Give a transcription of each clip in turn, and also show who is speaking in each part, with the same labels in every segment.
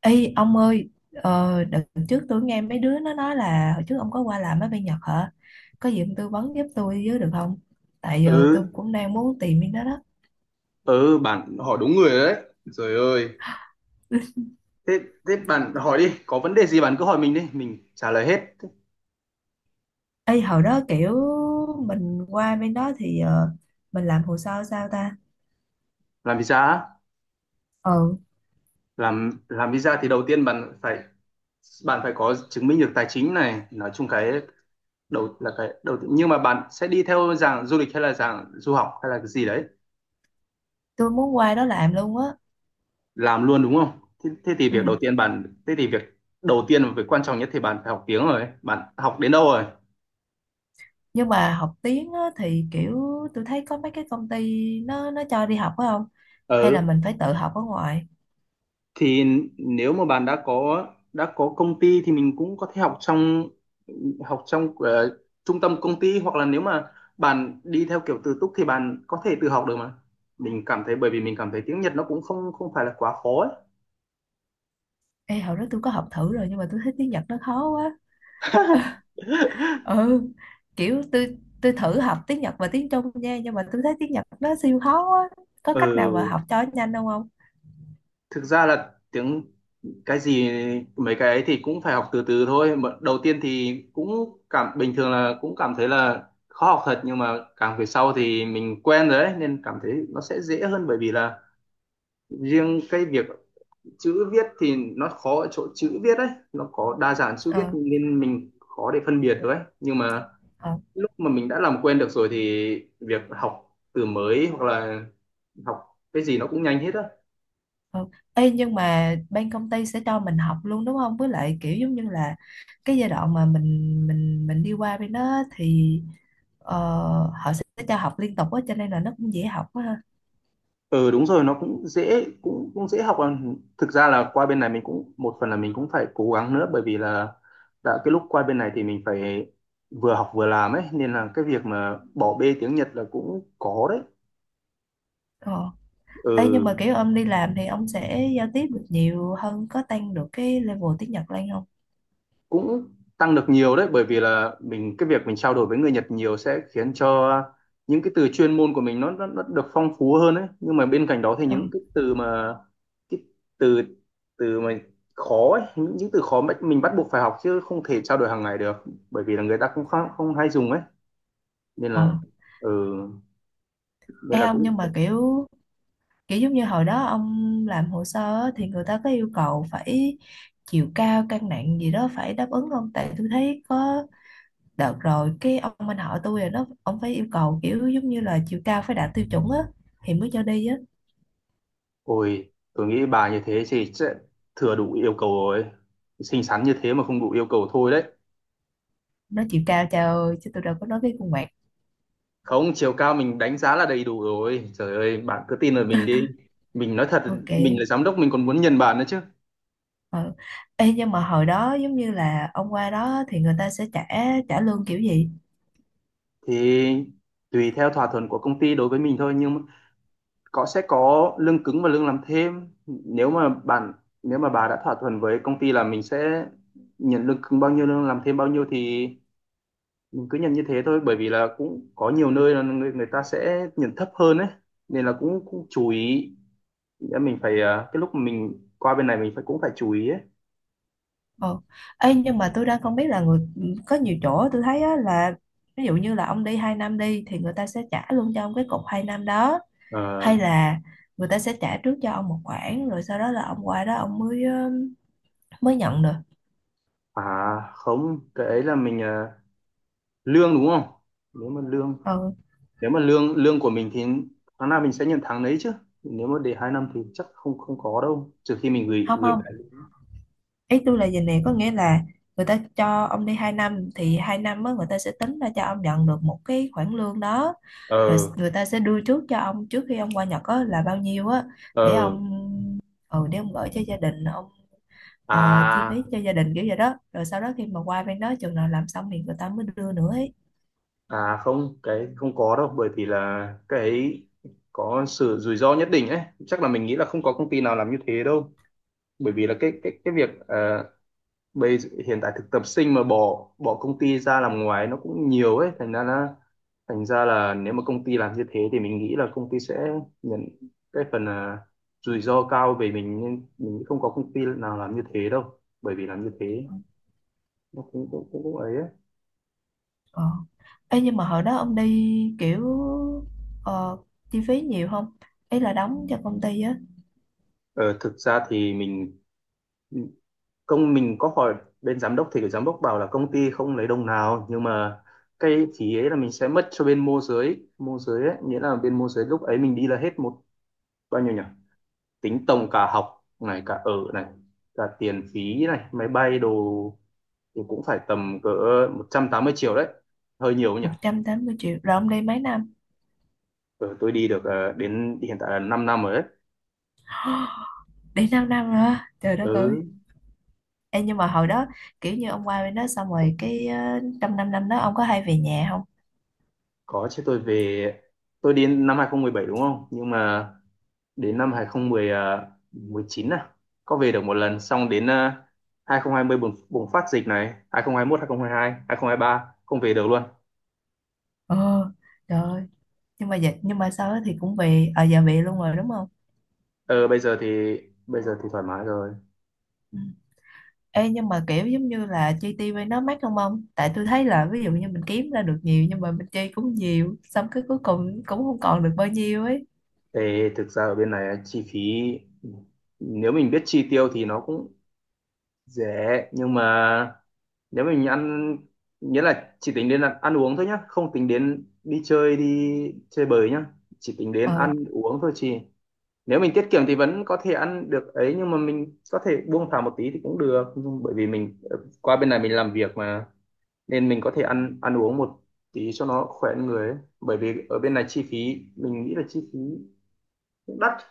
Speaker 1: Ê ông ơi, đợt trước tôi nghe mấy đứa nó nói là hồi trước ông có qua làm ở bên Nhật hả? Có gì ông tư vấn giúp tôi với được không? Tại giờ tôi
Speaker 2: ừ
Speaker 1: cũng đang muốn tìm bên đó đó.
Speaker 2: ừ, bạn hỏi đúng người rồi đấy. Trời ơi. Thế thế bạn hỏi đi, có vấn đề gì bạn cứ hỏi mình đi, mình trả lời hết.
Speaker 1: Ê hồi đó kiểu mình qua bên đó thì mình làm hồ sơ sao ta?
Speaker 2: Làm visa á?
Speaker 1: Ừ,
Speaker 2: Làm visa thì đầu tiên bạn phải có chứng minh được tài chính này, nói chung cái đầu là cái đầu tiên. Nhưng mà bạn sẽ đi theo dạng du lịch hay là dạng du học hay là cái gì đấy?
Speaker 1: tôi muốn qua đó làm luôn á.
Speaker 2: Làm luôn đúng không? Thế thì
Speaker 1: Ừ.
Speaker 2: việc đầu tiên bạn thế thì việc đầu tiên và việc quan trọng nhất thì bạn phải học tiếng. Rồi bạn học đến đâu rồi?
Speaker 1: Nhưng mà học tiếng á, thì kiểu tôi thấy có mấy cái công ty nó cho đi học phải không? Hay là
Speaker 2: Ừ,
Speaker 1: mình phải tự học ở ngoài?
Speaker 2: thì nếu mà bạn đã có công ty thì mình cũng có thể học trong ờ, trung tâm công ty, hoặc là nếu mà bạn đi theo kiểu tự túc thì bạn có thể tự học được mà. Mình cảm thấy Bởi vì mình cảm thấy tiếng Nhật nó cũng không không phải là quá khó ấy.
Speaker 1: Ê hồi đó tôi có học thử rồi nhưng mà tôi thấy tiếng Nhật nó khó quá. Ừ, kiểu tôi thử học tiếng Nhật và tiếng Trung nha nhưng mà tôi thấy tiếng Nhật nó siêu khó á. Có cách nào mà học
Speaker 2: Ừ,
Speaker 1: cho nhanh không không
Speaker 2: thực ra là tiếng cái gì mấy cái ấy thì cũng phải học từ từ thôi. Mà đầu tiên thì cũng cảm bình thường là cũng cảm thấy là khó học thật, nhưng mà càng về sau thì mình quen rồi ấy nên cảm thấy nó sẽ dễ hơn. Bởi vì là riêng cái việc chữ viết thì nó khó ở chỗ chữ viết ấy, nó có đa dạng chữ viết
Speaker 1: Ờ,
Speaker 2: nên mình khó để phân biệt được ấy. Nhưng mà
Speaker 1: ờ,
Speaker 2: lúc mà mình đã làm quen được rồi thì việc học từ mới hoặc là học cái gì nó cũng nhanh hết á.
Speaker 1: ờ. Ê, nhưng mà bên công ty sẽ cho mình học luôn đúng không, với lại kiểu giống như là cái giai đoạn mà mình đi qua bên đó thì ờ, họ sẽ cho học liên tục á cho nên là nó cũng dễ học quá ha.
Speaker 2: Ừ, đúng rồi, nó cũng dễ học à. Thực ra là qua bên này mình cũng một phần là mình cũng phải cố gắng nữa, bởi vì là cái lúc qua bên này thì mình phải vừa học vừa làm ấy, nên là cái việc mà bỏ bê tiếng Nhật là cũng có đấy.
Speaker 1: Ờ. Ê, nhưng
Speaker 2: Ừ,
Speaker 1: mà kiểu ông đi làm thì ông sẽ giao tiếp được nhiều hơn, có tăng được cái level tiếng Nhật lên không?
Speaker 2: cũng tăng được nhiều đấy, bởi vì là cái việc mình trao đổi với người Nhật nhiều sẽ khiến cho những cái từ chuyên môn của mình nó được phong phú hơn đấy. Nhưng mà bên cạnh đó thì
Speaker 1: Ờ,
Speaker 2: những cái từ mà cái từ từ mà khó ấy, những từ khó mà mình bắt buộc phải học chứ không thể trao đổi hàng ngày được, bởi vì là người ta cũng không hay dùng ấy nên là.
Speaker 1: ờ.
Speaker 2: ừ, Nên
Speaker 1: Ê
Speaker 2: là
Speaker 1: ông,
Speaker 2: cũng.
Speaker 1: nhưng mà kiểu kiểu giống như hồi đó ông làm hồ sơ á, thì người ta có yêu cầu phải chiều cao cân nặng gì đó phải đáp ứng không, tại tôi thấy có đợt rồi cái ông anh họ tôi rồi nó ông phải yêu cầu kiểu giống như là chiều cao phải đạt tiêu chuẩn á thì mới cho đi á.
Speaker 2: Ôi, tôi nghĩ bà như thế thì sẽ thừa đủ yêu cầu rồi, xinh xắn như thế mà không đủ yêu cầu thôi đấy.
Speaker 1: Nó chiều cao, trời ơi, chứ tôi đâu có nói cái khuôn mặt.
Speaker 2: Không, chiều cao mình đánh giá là đầy đủ rồi. Trời ơi, bạn cứ tin lời mình đi, mình nói thật.
Speaker 1: OK.
Speaker 2: Mình là giám đốc, mình còn muốn nhận bạn nữa chứ.
Speaker 1: Ờ. Ê, nhưng mà hồi đó giống như là ông qua đó thì người ta sẽ trả trả lương kiểu gì?
Speaker 2: Thì tùy theo thỏa thuận của công ty đối với mình thôi, nhưng mà sẽ có lương cứng và lương làm thêm. Nếu mà bà đã thỏa thuận với công ty là mình sẽ nhận lương cứng bao nhiêu, lương làm thêm bao nhiêu thì mình cứ nhận như thế thôi, bởi vì là cũng có nhiều nơi là người người ta sẽ nhận thấp hơn ấy, nên là cũng cũng chú ý. Nghĩa cái lúc mà mình qua bên này mình cũng phải chú ý ấy.
Speaker 1: Ờ. Ê, nhưng mà tôi đang không biết là người, có nhiều chỗ tôi thấy á, là ví dụ như là ông đi 2 năm đi thì người ta sẽ trả luôn cho ông cái cọc 2 năm đó,
Speaker 2: Ờ.
Speaker 1: hay là người ta sẽ trả trước cho ông một khoản rồi sau đó là ông qua đó ông mới mới nhận được.
Speaker 2: À không, cái ấy là lương đúng không? Nếu mà lương
Speaker 1: Ừ.
Speaker 2: Nếu mà lương lương của mình thì tháng nào mình sẽ nhận tháng đấy chứ. Nếu mà để 2 năm thì chắc không không có đâu, trừ khi mình gửi
Speaker 1: Không,
Speaker 2: gửi
Speaker 1: không,
Speaker 2: lại.
Speaker 1: ý tôi là gì nè, có nghĩa là người ta cho ông đi 2 năm thì 2 năm á, người ta sẽ tính ra cho ông nhận được một cái khoản lương đó, rồi
Speaker 2: Ờ
Speaker 1: người ta sẽ đưa trước cho ông trước khi ông qua Nhật á, là bao nhiêu á để
Speaker 2: ờ
Speaker 1: ông để ông gửi cho gia đình ông, chi phí
Speaker 2: À,
Speaker 1: cho gia đình kiểu vậy đó, rồi sau đó khi mà qua bên đó chừng nào làm xong thì người ta mới đưa nữa ấy.
Speaker 2: à không, cái không có đâu, bởi vì là cái ấy có sự rủi ro nhất định ấy. Chắc là mình nghĩ là không có công ty nào làm như thế đâu. Bởi vì là cái bây hiện tại thực tập sinh mà bỏ bỏ công ty ra làm ngoài nó cũng nhiều ấy, thành ra là nếu mà công ty làm như thế thì mình nghĩ là công ty sẽ nhận cái phần à, rủi ro cao về mình. Nhưng mình nghĩ không có công ty nào làm như thế đâu, bởi vì làm như thế nó cũng ấy, ấy.
Speaker 1: Ờ. Ê, nhưng mà hồi đó ông đi kiểu ờ, chi phí nhiều không, ý là đóng cho công ty á.
Speaker 2: Ờ, thực ra thì mình có hỏi bên giám đốc, thì cái giám đốc bảo là công ty không lấy đồng nào, nhưng mà cái phí ấy là mình sẽ mất cho bên môi giới ấy. Nghĩa là bên môi giới lúc ấy mình đi là hết bao nhiêu nhỉ? Tính tổng cả học này, cả ở này, cả tiền phí này, máy bay đồ thì cũng phải tầm cỡ 180 triệu đấy. Hơi nhiều nhỉ.
Speaker 1: 180 triệu, rồi ông đi mấy năm?
Speaker 2: Ừ, tôi đi được đến hiện tại là 5 năm rồi đấy.
Speaker 1: Đi 5 năm rồi á. Trời đất
Speaker 2: Ừ,
Speaker 1: ơi. Ê, nhưng mà hồi đó kiểu như ông qua bên đó xong rồi cái trong 5 năm đó ông có hay về nhà không?
Speaker 2: có chứ, tôi về. Tôi đến năm 2017, đúng không? Nhưng mà đến năm hai không 2019 à, có về được một lần, xong đến 2020 bùng phát dịch này, hai không hai 2022, 2023 không hai hai, hai không hai ba không về được luôn.
Speaker 1: Ờ. Trời ơi, nhưng mà dịch, nhưng mà sau đó thì cũng về ở giờ về luôn rồi đúng không?
Speaker 2: Ờ, bây giờ thì thoải mái rồi.
Speaker 1: Ừ. Ê, nhưng mà kiểu giống như là chi tiêu bên đó mắc không ông? Tại tôi thấy là ví dụ như mình kiếm ra được nhiều nhưng mà mình chi cũng nhiều, xong cái cuối cùng cũng không còn được bao nhiêu ấy.
Speaker 2: Ê, thực ra ở bên này chi phí, ừ, nếu mình biết chi tiêu thì nó cũng rẻ, nhưng mà nếu mình ăn nghĩa là chỉ tính đến là ăn uống thôi nhá, không tính đến đi chơi bời nhá, chỉ tính đến
Speaker 1: Ờ,
Speaker 2: ăn uống thôi chị. Nếu mình tiết kiệm thì vẫn có thể ăn được ấy, nhưng mà mình có thể buông thả một tí thì cũng được. Nhưng bởi vì qua bên này mình làm việc mà, nên mình có thể ăn ăn uống một tí cho nó khỏe người ấy. Bởi vì ở bên này chi phí, mình nghĩ là chi phí cũng đắt,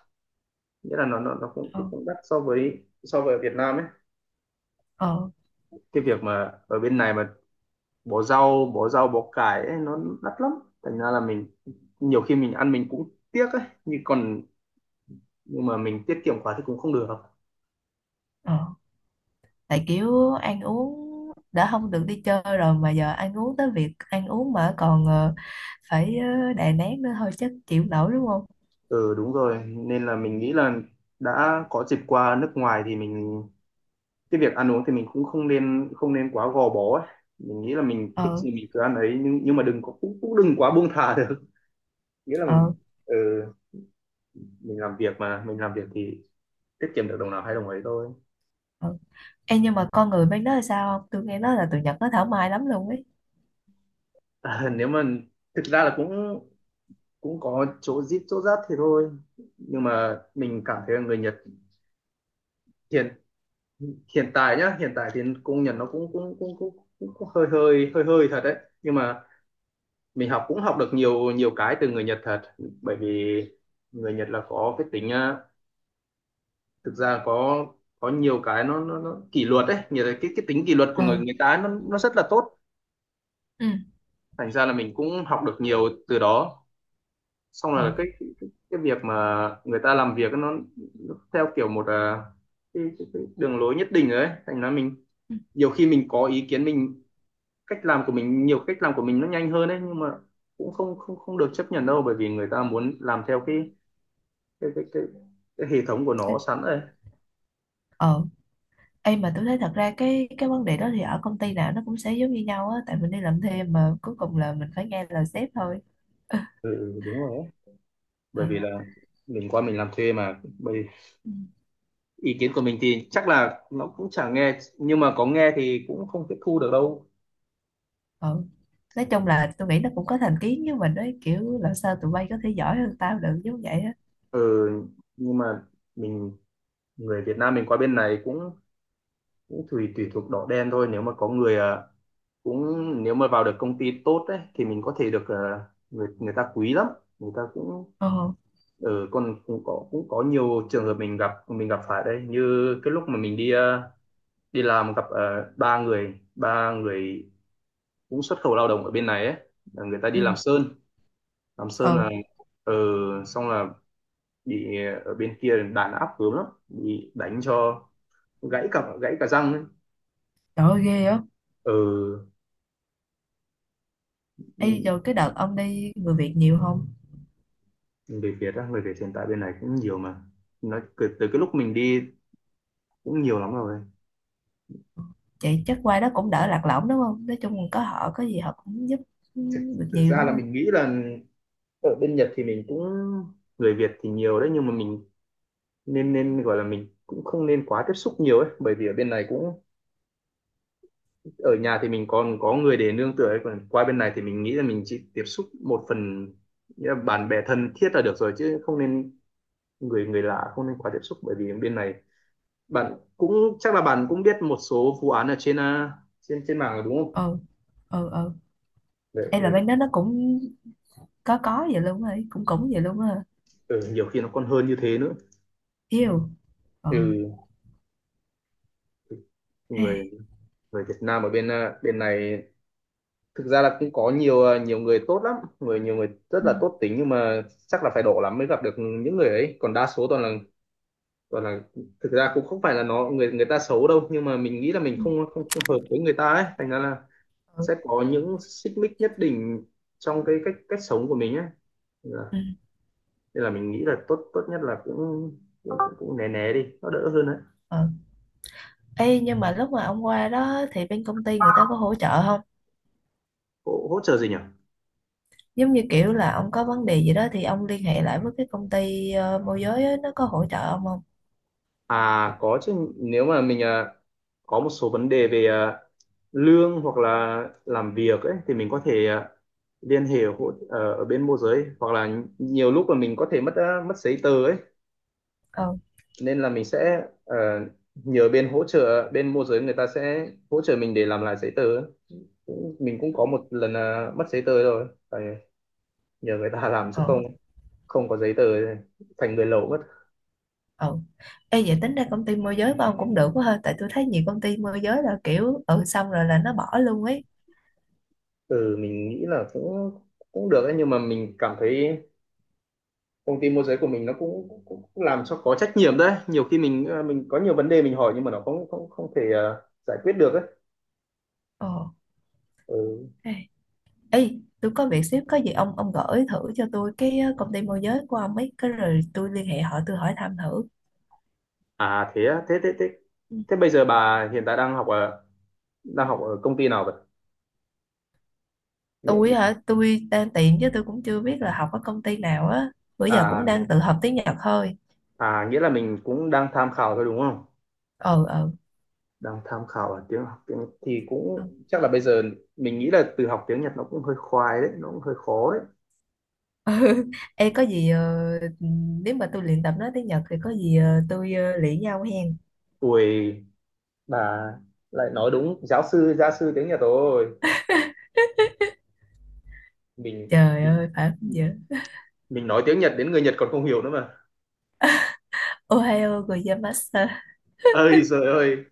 Speaker 2: nghĩa là nó cũng
Speaker 1: ờ,
Speaker 2: cũng cũng đắt so với ở Việt Nam ấy.
Speaker 1: ờ,
Speaker 2: Cái việc mà ở bên này mà bỏ rau bỏ cải ấy, nó đắt lắm, thành ra là nhiều khi mình ăn mình cũng tiếc ấy, nhưng mà mình tiết kiệm quá thì cũng không được.
Speaker 1: ờ. Tại kiểu ăn uống đã không được đi chơi rồi mà giờ ăn uống, tới việc ăn uống mà còn phải đè nén nữa thôi chắc chịu nổi đúng không?
Speaker 2: Ừ, đúng rồi, nên là mình nghĩ là đã có dịp qua nước ngoài thì cái việc ăn uống thì mình cũng không nên quá gò bó ấy. Mình nghĩ là mình thích
Speaker 1: Ờ,
Speaker 2: gì mình cứ ăn ấy, nhưng mà đừng có cũng, cũng đừng quá buông thả được. Nghĩa là
Speaker 1: ờ,
Speaker 2: ừ, mình làm việc thì tiết kiệm được đồng nào hay đồng ấy thôi.
Speaker 1: ờ. Ê, nhưng mà con người bên đó là sao không? Tôi nghe nói là tụi Nhật nó thảo mai lắm luôn ấy.
Speaker 2: À, nếu mà thực ra là cũng cũng có chỗ zip chỗ rách thì thôi. Nhưng mà mình cảm thấy là người Nhật, hiện hiện tại nhá, hiện tại thì công nhận nó cũng hơi hơi thật đấy. Nhưng mà mình học cũng học được nhiều nhiều cái từ người Nhật thật, bởi vì người Nhật là có thực ra có nhiều cái nó kỷ luật đấy. Nhiều cái tính kỷ luật của người
Speaker 1: Ờ,
Speaker 2: người ta nó rất là tốt,
Speaker 1: ừ,
Speaker 2: thành ra là mình cũng học được nhiều từ đó. Xong
Speaker 1: ờ,
Speaker 2: là cái việc mà người ta làm việc nó theo kiểu một à, cái đường lối nhất định rồi ấy, thành ra
Speaker 1: ừ.
Speaker 2: nhiều khi mình có ý kiến, cách làm của mình nhiều cách làm của mình nó nhanh hơn đấy, nhưng mà cũng không không không được chấp nhận đâu, bởi vì người ta muốn làm theo cái cái cái, cái hệ thống của nó sẵn rồi.
Speaker 1: Ờ. Ê mà tôi thấy thật ra cái vấn đề đó thì ở công ty nào nó cũng sẽ giống như nhau á, tại mình đi làm thêm mà cuối cùng là mình phải nghe lời sếp thôi.
Speaker 2: Ừ, đúng rồi ấy. Bởi
Speaker 1: Ừ.
Speaker 2: vì là mình làm thuê mà, bởi
Speaker 1: Ừ.
Speaker 2: ý kiến của mình thì chắc là nó cũng chẳng nghe, nhưng mà có nghe thì cũng không tiếp thu được đâu.
Speaker 1: Ừ. Nói chung là tôi nghĩ nó cũng có thành kiến với mình đấy, kiểu làm sao tụi bay có thể giỏi hơn tao được, giống vậy á.
Speaker 2: Ừ, nhưng mà mình người Việt Nam mình qua bên này cũng cũng tùy tùy thuộc đỏ đen thôi. Nếu mà có người ờ, cũng Nếu mà vào được công ty tốt ấy thì mình có thể được, người người ta quý lắm. Người ta cũng
Speaker 1: Ờ.
Speaker 2: ở ừ, Còn cũng có nhiều trường hợp mình gặp phải đây, như cái lúc mà mình đi làm gặp ba người cũng xuất khẩu lao động ở bên này ấy, là người ta đi
Speaker 1: Ừ,
Speaker 2: làm sơn là,
Speaker 1: ừ.
Speaker 2: ờ, xong là bị ở bên kia đàn áp gớm lắm, bị đánh cho gãy cả răng ấy.
Speaker 1: Trời ơi ghê á.
Speaker 2: Ừ,
Speaker 1: Ê, rồi cái đợt ông đi người Việt nhiều không?
Speaker 2: người Việt á? Người Việt hiện tại bên này cũng nhiều mà, nói từ cái lúc mình đi cũng nhiều lắm rồi.
Speaker 1: Vậy chắc qua đó cũng đỡ lạc lõng đúng không, nói chung là có họ có gì họ cũng giúp, ừ,
Speaker 2: thực,
Speaker 1: được nhiều
Speaker 2: ra
Speaker 1: đúng
Speaker 2: là
Speaker 1: không?
Speaker 2: mình nghĩ là ở bên Nhật thì mình cũng, người Việt thì nhiều đấy, nhưng mà mình nên nên gọi là mình cũng không nên quá tiếp xúc nhiều ấy, bởi vì ở bên này cũng, ở nhà thì mình còn có người để nương tựa ấy, còn qua bên này thì mình nghĩ là mình chỉ tiếp xúc một phần, nghĩa là bạn bè thân thiết là được rồi, chứ không nên người người lạ, không nên quá tiếp xúc. Bởi vì bên này bạn cũng chắc là bạn cũng biết một số vụ án ở trên trên trên mạng rồi đúng không?
Speaker 1: Ừ, ừ, ừ.
Speaker 2: Đấy,
Speaker 1: Ê, là
Speaker 2: người
Speaker 1: bên
Speaker 2: Việt-
Speaker 1: đó nó cũng có vậy luôn rồi cũng cũng vậy luôn á hả?
Speaker 2: ừ, nhiều khi nó còn hơn như thế nữa.
Speaker 1: Yêu. Ờ.
Speaker 2: Ừ,
Speaker 1: Ừ,
Speaker 2: người người Việt Nam ở bên bên này, thực ra là cũng có nhiều nhiều người tốt lắm, người nhiều người rất
Speaker 1: ừ,
Speaker 2: là tốt tính, nhưng mà chắc là phải độ lắm mới gặp được những người ấy, còn đa số toàn là toàn là, thực ra cũng không phải là nó người người ta xấu đâu, nhưng mà mình nghĩ là mình không không, không hợp với người ta ấy, thành ra là
Speaker 1: ừ,
Speaker 2: sẽ có những xích mích nhất định trong cái cách cách sống của mình ấy, nên là,
Speaker 1: ừ.
Speaker 2: nên là mình nghĩ là tốt tốt nhất là cũng cũng né né đi, nó đỡ hơn đấy.
Speaker 1: Ừ. Ê, nhưng mà lúc mà ông qua đó thì bên công ty người ta có hỗ trợ không?
Speaker 2: Hỗ trợ gì nhỉ?
Speaker 1: Giống như kiểu là ông có vấn đề gì đó thì ông liên hệ lại với cái công ty môi giới á, nó có hỗ trợ ông không?
Speaker 2: À, có chứ, nếu mà mình có một số vấn đề về lương hoặc là làm việc ấy thì mình có thể liên hệ hộ, ở bên môi giới, hoặc là nhiều lúc là mình có thể mất mất giấy tờ ấy,
Speaker 1: Ừ.
Speaker 2: nên là mình sẽ nhờ bên hỗ trợ, bên môi giới người ta sẽ hỗ trợ mình để làm lại giấy tờ ấy. Cũng- Mình cũng có một lần mất giấy tờ rồi phải nhờ người ta làm, chứ
Speaker 1: Ừ.
Speaker 2: không, không có giấy tờ thì thành người lậu mất.
Speaker 1: Ừ. Ê, vậy tính ra công ty môi giới của ông cũng được quá ha, tại tôi thấy nhiều công ty môi giới là kiểu ừ xong rồi là nó bỏ luôn ấy.
Speaker 2: Ừ, mình nghĩ là cũng cũng được ấy, nhưng mà mình cảm thấy công ty môi giới của mình nó cũng cũng, cũng làm cho có trách nhiệm đấy, nhiều khi mình mình có nhiều vấn đề mình hỏi nhưng mà nó không không không thể giải quyết được ấy.
Speaker 1: Ờ.
Speaker 2: Ừ.
Speaker 1: ê Ê, tôi có việc xíu, có gì ông gửi thử cho tôi cái công ty môi giới của ông ấy cái, rồi tôi liên hệ họ tôi hỏi thăm thử.
Speaker 2: À thế á? Thế thế bây giờ bà hiện tại đang học ở, đang học ở công ty nào vậy? Nghĩa-
Speaker 1: Tôi hả, tôi đang tìm chứ tôi cũng chưa biết là học ở công ty nào á, bữa giờ cũng
Speaker 2: À,
Speaker 1: đang tự học tiếng Nhật thôi.
Speaker 2: à nghĩa là mình cũng đang tham khảo thôi đúng không?
Speaker 1: Ờ, ờ.
Speaker 2: Đang tham khảo ở tiếng, học tiếng thì cũng chắc là bây giờ mình nghĩ là từ học tiếng Nhật nó cũng hơi khoai đấy, nó cũng hơi khó đấy.
Speaker 1: Ừ. Ê, có gì nếu mà tôi luyện tập nói tiếng Nhật thì có gì tôi luyện nhau hen.
Speaker 2: Tuổi bà lại nói đúng giáo sư, gia sư tiếng Nhật rồi. mình
Speaker 1: Trời ơi, phải không giờ.
Speaker 2: mình nói tiếng Nhật đến người Nhật còn không hiểu nữa mà.
Speaker 1: Ohayou gozaimasu.
Speaker 2: Ơi trời ơi,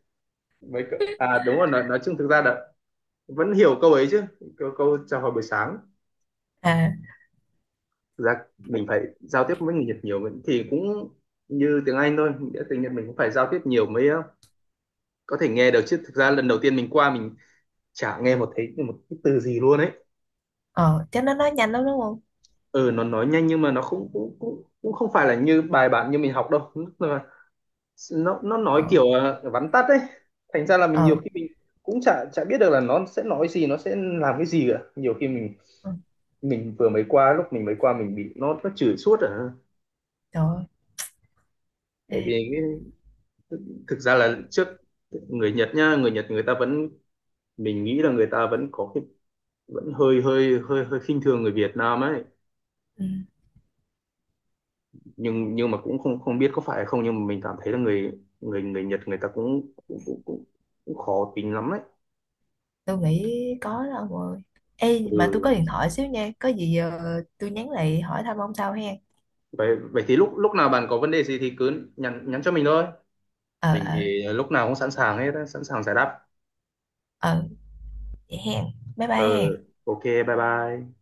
Speaker 2: mấy cậu- à đúng rồi, nói chung thực ra là vẫn hiểu câu ấy chứ, câu chào hỏi buổi sáng.
Speaker 1: À.
Speaker 2: Thực ra mình phải giao tiếp với người Nhật nhiều mình- thì cũng như tiếng Anh thôi, nghĩa tiếng Nhật mình cũng phải giao tiếp nhiều mới có thể nghe được, chứ thực ra lần đầu tiên mình qua mình chả nghe một, thấy một cái từ gì luôn ấy.
Speaker 1: Ờ, chắc nó nói nhanh lắm đúng không?
Speaker 2: Ừ, nó nói nhanh, nhưng mà nó không cũng cũng cũng không phải là như bài bản như mình học đâu, nó nói
Speaker 1: Ờ,
Speaker 2: kiểu vắn tắt ấy, thành ra là mình nhiều
Speaker 1: ờ.
Speaker 2: khi mình cũng chả chả biết được là nó sẽ nói gì, nó sẽ làm cái gì cả. Nhiều khi mình
Speaker 1: Ừ,
Speaker 2: mình vừa mới qua, lúc mình mới qua mình bị nó chửi suốt à,
Speaker 1: trời ơi.
Speaker 2: bởi
Speaker 1: Ê,
Speaker 2: vì cái, thực ra là trước người Nhật nhá, người Nhật người ta vẫn, mình nghĩ là người ta vẫn có cái, vẫn hơi hơi khinh thường người Việt Nam ấy.
Speaker 1: ừ,
Speaker 2: Nhưng mà cũng không, không biết có phải hay không, nhưng mà mình cảm thấy là người người người Nhật người ta cũng khó tính lắm ấy.
Speaker 1: tôi nghĩ có đó ông ơi. Ê mà tôi có
Speaker 2: Ừ.
Speaker 1: điện thoại xíu nha, có gì tôi nhắn lại hỏi thăm ông sau hen.
Speaker 2: vậy vậy thì lúc lúc nào bạn có vấn đề gì thì cứ nhắn, nhắn cho mình thôi.
Speaker 1: Ờ,
Speaker 2: Mình
Speaker 1: ờ,
Speaker 2: thì lúc nào cũng sẵn sàng hết á, sẵn sàng giải đáp.
Speaker 1: ờ. Vậy hẹn. Bye
Speaker 2: Ờ,
Speaker 1: bye hẹn.
Speaker 2: ok, bye bye.